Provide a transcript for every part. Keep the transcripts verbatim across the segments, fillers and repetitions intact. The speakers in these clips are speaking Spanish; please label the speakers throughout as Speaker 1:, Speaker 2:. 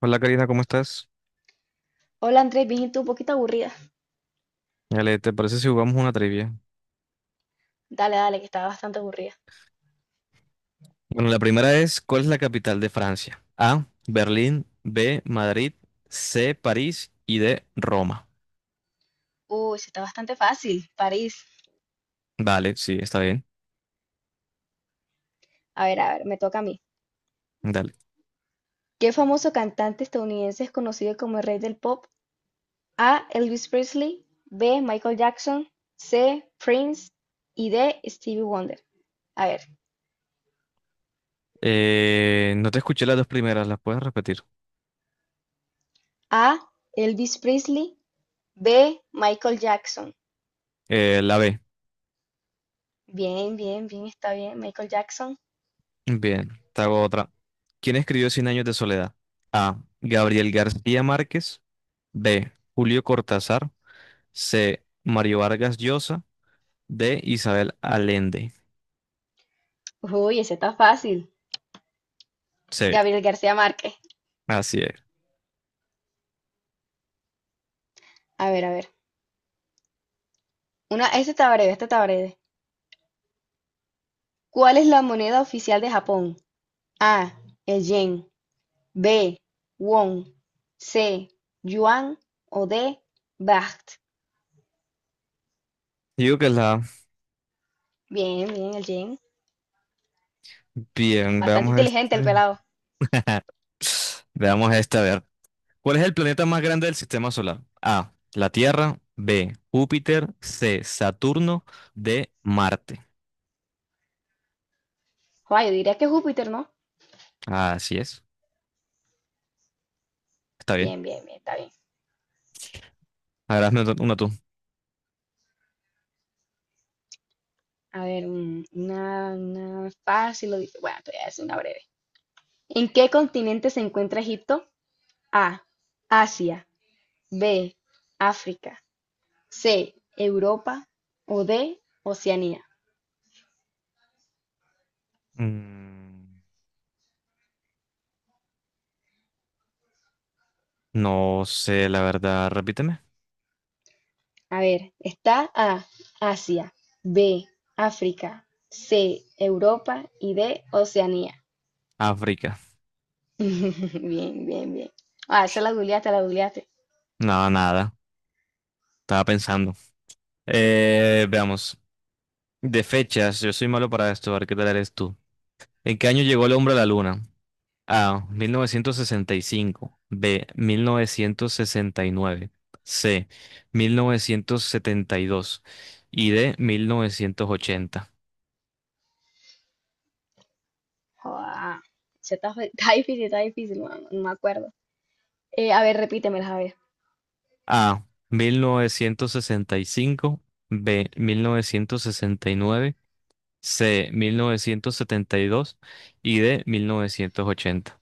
Speaker 1: Hola Karina, ¿cómo estás?
Speaker 2: Hola Andrés, bien, ¿y tú? Un poquito aburrida.
Speaker 1: Ale, ¿te parece si jugamos una trivia?
Speaker 2: Dale, dale, que estaba bastante aburrida.
Speaker 1: Bueno, la primera es, ¿cuál es la capital de Francia? A, Berlín; B, Madrid; C, París; y D, Roma.
Speaker 2: Uy, sí está bastante fácil, París.
Speaker 1: Vale, sí, está bien.
Speaker 2: A ver, a ver, me toca a mí.
Speaker 1: Dale.
Speaker 2: ¿Qué famoso cantante estadounidense es conocido como el rey del pop? A. Elvis Presley. B. Michael Jackson. C. Prince. Y D. Stevie Wonder. A ver.
Speaker 1: Eh, no te escuché las dos primeras, ¿las puedes repetir?
Speaker 2: A. Elvis Presley. B. Michael Jackson.
Speaker 1: Eh, la B.
Speaker 2: Bien, bien, bien, está bien. Michael Jackson.
Speaker 1: Bien, te hago otra. ¿Quién escribió Cien años de soledad? A, Gabriel García Márquez; B, Julio Cortázar; C, Mario Vargas Llosa; D, Isabel Allende.
Speaker 2: Uy, ese está fácil.
Speaker 1: Sí,
Speaker 2: Gabriel García Márquez.
Speaker 1: así es.
Speaker 2: A ver, a ver. Una, este está breve, este está breve. ¿Cuál es la moneda oficial de Japón? A, el yen, B, won, C, yuan o D, baht.
Speaker 1: Yo digo que es la A.
Speaker 2: Bien, bien, el yen.
Speaker 1: Bien,
Speaker 2: Bastante
Speaker 1: veamos
Speaker 2: inteligente el
Speaker 1: este.
Speaker 2: pelado.
Speaker 1: Veamos esta, a ver. ¿Cuál es el planeta más grande del sistema solar? A, la Tierra; B, Júpiter; C, Saturno; D, Marte.
Speaker 2: Joder, yo diría que Júpiter, ¿no?
Speaker 1: Así es. Está bien.
Speaker 2: Bien, bien, bien, está bien.
Speaker 1: A ver, hazme otra- una tú.
Speaker 2: A ver, un- una, una fácil. o dif- Bueno, te voy a hacer una breve. ¿En qué continente se encuentra Egipto? A, Asia, B, África, C, Europa o D, Oceanía.
Speaker 1: Mm, no sé, la verdad. Repíteme.
Speaker 2: A ver, está A, Asia, B, África, C, Europa y D, Oceanía.
Speaker 1: África.
Speaker 2: Bien, bien, bien. Ah, esa la googleaste, la googleaste.
Speaker 1: No, nada. Estaba pensando. Eh, veamos. De fechas, yo soy malo para esto. A ver qué tal eres tú. ¿En qué año llegó el hombre a la luna? A, mil novecientos sesenta y cinco; B, mil novecientos sesenta y nueve; C, mil novecientos setenta y dos; y D, mil novecientos ochenta.
Speaker 2: Joda, esa está, fe- está difícil, está difícil, no, no me acuerdo. Eh, a ver, repítemelas, a ver.
Speaker 1: A, mil novecientos sesenta y cinco; B, mil novecientos sesenta y nueve; C, mil novecientos setenta y dos; y D, mil novecientos ochenta.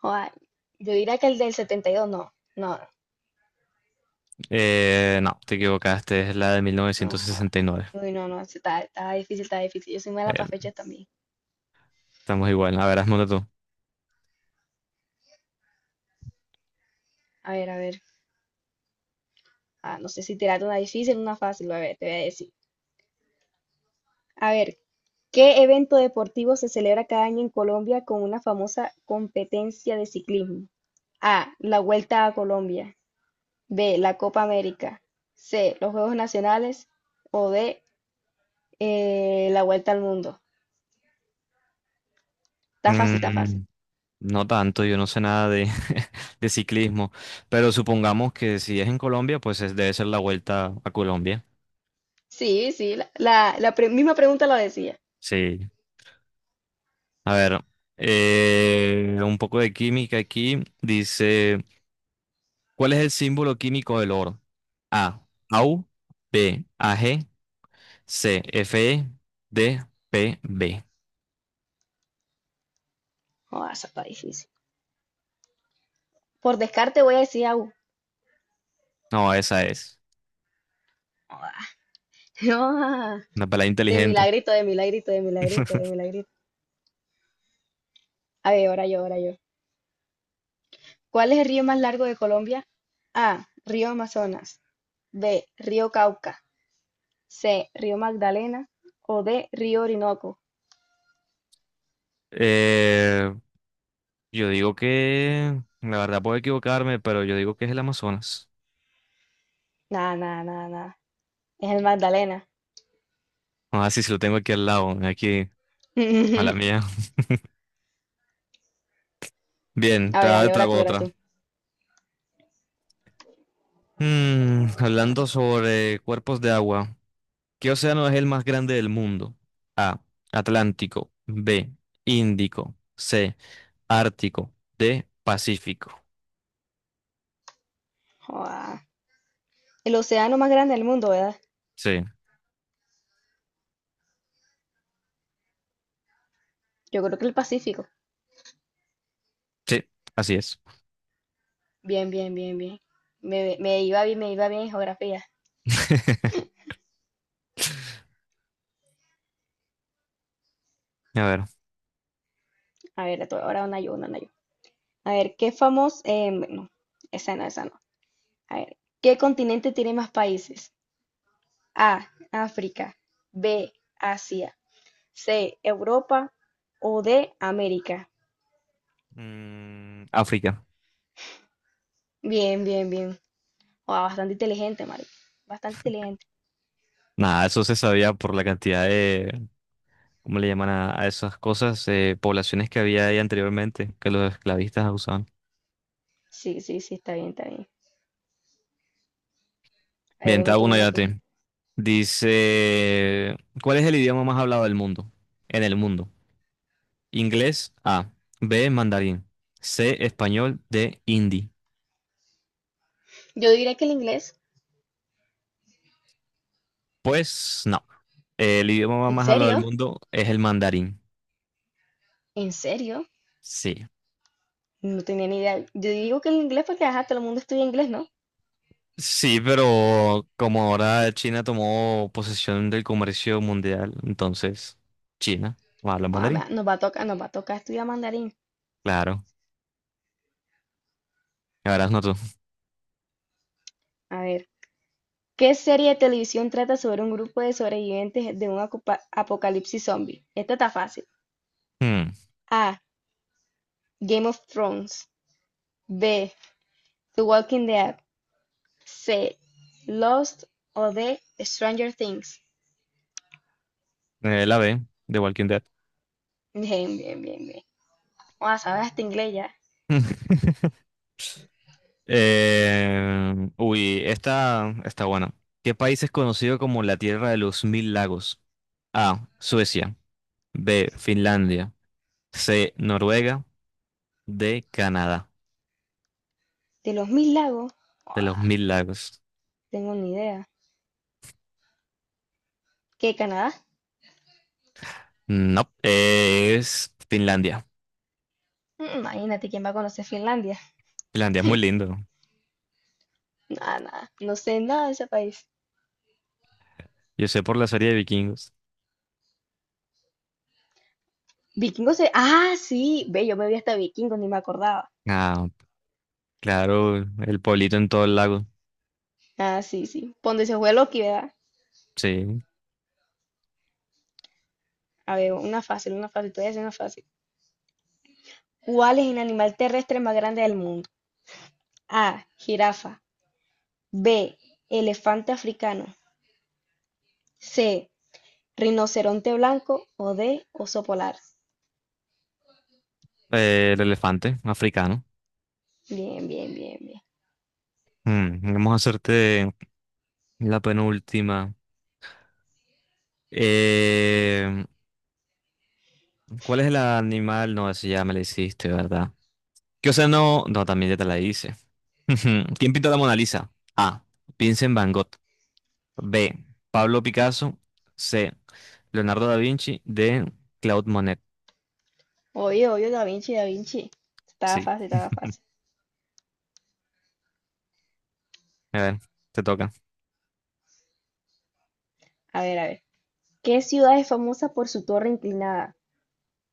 Speaker 2: Joda, yo diría que el del setenta y dos no, no,
Speaker 1: Eh, no, te equivocaste. Es la de
Speaker 2: no, joda.
Speaker 1: mil novecientos sesenta y nueve.
Speaker 2: Uy, no, no, esa está, está difícil, está difícil. Yo soy mala
Speaker 1: Eh,
Speaker 2: para fechas también.
Speaker 1: Estamos igual. A ver, hazme una tú.
Speaker 2: A ver, a ver. Ah, no sé si tirarte una difícil o una fácil, a ver, te voy a decir. A ver, ¿qué evento deportivo se celebra cada año en Colombia con una famosa competencia de ciclismo? A. La Vuelta a Colombia. B. La Copa América. C. Los Juegos Nacionales. O D. eh, la Vuelta al Mundo. Está fácil, está fácil.
Speaker 1: Mm, no tanto, yo no sé nada de... de ciclismo. Pero supongamos que si es en Colombia, pues es- debe ser la vuelta a Colombia.
Speaker 2: Sí, sí, la, la- la pre- misma pregunta la decía.
Speaker 1: Sí. A ver, eh, un poco de química aquí. Dice, ¿cuál es el símbolo químico del oro? A, AU; B, AG; C, FE; D, PB.
Speaker 2: Oh, esa está difícil. Por descarte voy a decir agua.
Speaker 1: No, esa es. Una pelada
Speaker 2: De
Speaker 1: inteligente.
Speaker 2: milagrito, de milagrito, de milagrito, de milagrito. A ver, ahora yo, ahora yo. ¿Cuál es el río más largo de Colombia? A. Río Amazonas. B. Río Cauca. C. Río Magdalena. O D. Río Orinoco.
Speaker 1: Eh, yo digo que, la verdad puedo equivocarme, pero yo digo que es el Amazonas.
Speaker 2: Nada, nada, nada, nada. Es el Magdalena.
Speaker 1: Ah, sí, sí lo tengo aquí al lado, aquí. Mala mía. Bien,
Speaker 2: A
Speaker 1: te
Speaker 2: ver,
Speaker 1: hago
Speaker 2: dale,
Speaker 1: te
Speaker 2: ahora tú,
Speaker 1: hago
Speaker 2: ahora tú.
Speaker 1: otra. Mm, hablando sobre cuerpos de agua, ¿qué océano es el más grande del mundo? A, Atlántico; B, Índico; C, Ártico; D, Pacífico.
Speaker 2: Joda. El océano más grande del mundo, ¿verdad?
Speaker 1: Sí,
Speaker 2: Yo creo que el Pacífico.
Speaker 1: sí, así es.
Speaker 2: Bien, bien, bien, bien. Me, me iba bien, me iba bien en geografía.
Speaker 1: A ver.
Speaker 2: A ver, tú, ahora una yo, una, una yo. A ver, ¿qué famoso? Eh, no, esa no, esa no. A ver, ¿qué continente tiene más países? A, África; B, Asia; C, Europa o D, América.
Speaker 1: Mm, África.
Speaker 2: Bien, bien, bien. Wow, bastante inteligente, Mari. Bastante inteligente.
Speaker 1: Nada, eso se sabía por la cantidad de, ¿cómo le llaman a, a esas cosas? Eh, poblaciones que había ahí anteriormente, que los esclavistas usaban.
Speaker 2: Sí, sí, sí, está bien, está bien. Ahí va
Speaker 1: Bien, te
Speaker 2: una
Speaker 1: hago
Speaker 2: tú,
Speaker 1: una
Speaker 2: una
Speaker 1: ya a
Speaker 2: tú.
Speaker 1: ti. Dice, ¿cuál es el idioma más hablado del mundo? En el mundo. Inglés, A. B, mandarín. C, español. D, hindi.
Speaker 2: Yo diría que el inglés.
Speaker 1: Pues no. El idioma
Speaker 2: ¿En
Speaker 1: más hablado del
Speaker 2: serio?
Speaker 1: mundo es el mandarín.
Speaker 2: ¿En serio?
Speaker 1: Sí.
Speaker 2: No tenía ni idea. Yo digo que el inglés porque ajá, todo el mundo estudia inglés, ¿no?
Speaker 1: Sí, pero como ahora China tomó posesión del comercio mundial, entonces China habla
Speaker 2: Ah, me-
Speaker 1: mandarín.
Speaker 2: nos va a tocar, nos va a tocar estudiar mandarín.
Speaker 1: Claro. Ahora no tú.
Speaker 2: A ver. ¿Qué serie de televisión trata sobre un grupo de sobrevivientes de un acupa- apocalipsis zombie? Esta está fácil.
Speaker 1: Hmm.
Speaker 2: A. Game of Thrones; b. The Walking Dead; c. Lost o d. Stranger Things.
Speaker 1: Eh, la B, de Walking Dead.
Speaker 2: Bien, bien, bien, bien. Joda, sabes hasta inglés ya.
Speaker 1: Eh, uy, esta está buena. ¿Qué país es conocido como la Tierra de los Mil Lagos? A, Suecia; B, Finlandia; C, Noruega; D, Canadá.
Speaker 2: De los mil lagos,
Speaker 1: De los
Speaker 2: joda,
Speaker 1: Mil Lagos.
Speaker 2: tengo ni idea. ¿Qué, Canadá?
Speaker 1: No, es Finlandia.
Speaker 2: Mm, imagínate quién va a conocer Finlandia.
Speaker 1: Finlandia es muy lindo.
Speaker 2: Nada, nada. No sé nada de ese país.
Speaker 1: Yo sé por la serie de vikingos.
Speaker 2: Vikingos se. Ah, sí. Ve, yo me vi hasta vikingos, ni me acordaba.
Speaker 1: Ah, claro, el pueblito en todo el lago.
Speaker 2: Ah, sí, sí. Ponte se fue Loki, ¿verdad?
Speaker 1: Sí.
Speaker 2: A ver, una fácil, una fácil. Todavía es una fácil. ¿Cuál es el animal terrestre más grande del mundo? A. Jirafa. B. Elefante africano. C. Rinoceronte blanco. O D. Oso polar.
Speaker 1: Eh, el elefante africano.
Speaker 2: Bien, bien, bien, bien.
Speaker 1: Mm, vamos a hacerte la penúltima. Em, ¿Cuál es el animal? No, eso ya me la hiciste, ¿verdad? ¿Qué o no, no, también ya te la hice. ¿Quién pintó la Mona Lisa? A, Vincent Van Gogh; B, Pablo Picasso; C, Leonardo da Vinci; D, Claude Monet.
Speaker 2: Oye, oye, Da Vinci, Da Vinci. Estaba
Speaker 1: Sí.
Speaker 2: fácil, estaba fácil.
Speaker 1: A ver, te toca.
Speaker 2: A ver, a ver. ¿Qué ciudad es famosa por su torre inclinada?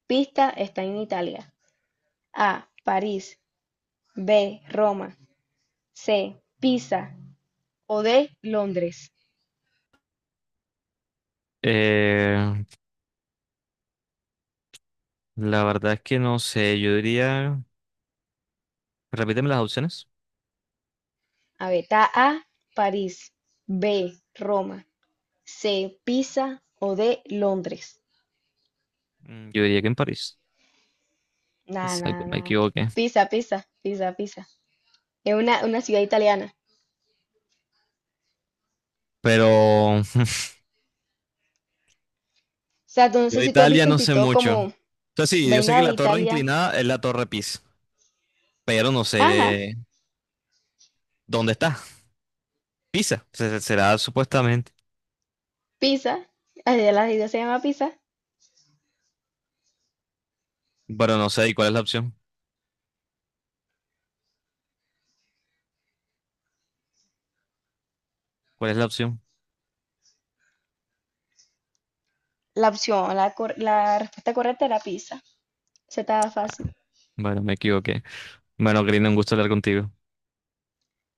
Speaker 2: Pista, está en Italia. A. París. B. Roma. C. Pisa. O D. Londres.
Speaker 1: Eh, la verdad es que no sé. Yo diría. Repíteme las opciones.
Speaker 2: A ver, está A. París. B. Roma. C. Pisa. O D. Londres.
Speaker 1: Mm, yo diría que en París.
Speaker 2: Nada,
Speaker 1: Exacto,
Speaker 2: nada,
Speaker 1: me
Speaker 2: nada.
Speaker 1: equivoqué.
Speaker 2: Pisa, pisa, pisa, pisa. Es una, una ciudad italiana.
Speaker 1: Pero
Speaker 2: O sea, tú- no
Speaker 1: yo
Speaker 2: sé
Speaker 1: de
Speaker 2: si tú has
Speaker 1: Italia
Speaker 2: visto en
Speaker 1: no sé
Speaker 2: TikTok
Speaker 1: mucho.
Speaker 2: como
Speaker 1: O sea, sí, yo sé que
Speaker 2: vaina de
Speaker 1: la torre
Speaker 2: Italia.
Speaker 1: inclinada es la torre Pisa, pero no sé
Speaker 2: Ajá,
Speaker 1: dónde está. Pisa, se- será supuestamente.
Speaker 2: pizza. Allá la ciudad se llama pizza.
Speaker 1: Pero no sé, ¿y cuál es la opción? ¿Cuál es la opción?
Speaker 2: La opción, la, cor- la respuesta correcta era pizza. Se estaba
Speaker 1: Ah,
Speaker 2: fácil.
Speaker 1: bueno, me equivoqué. Bueno, Karina, un gusto hablar contigo.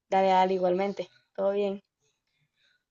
Speaker 2: Dale, dale, igualmente. Todo bien.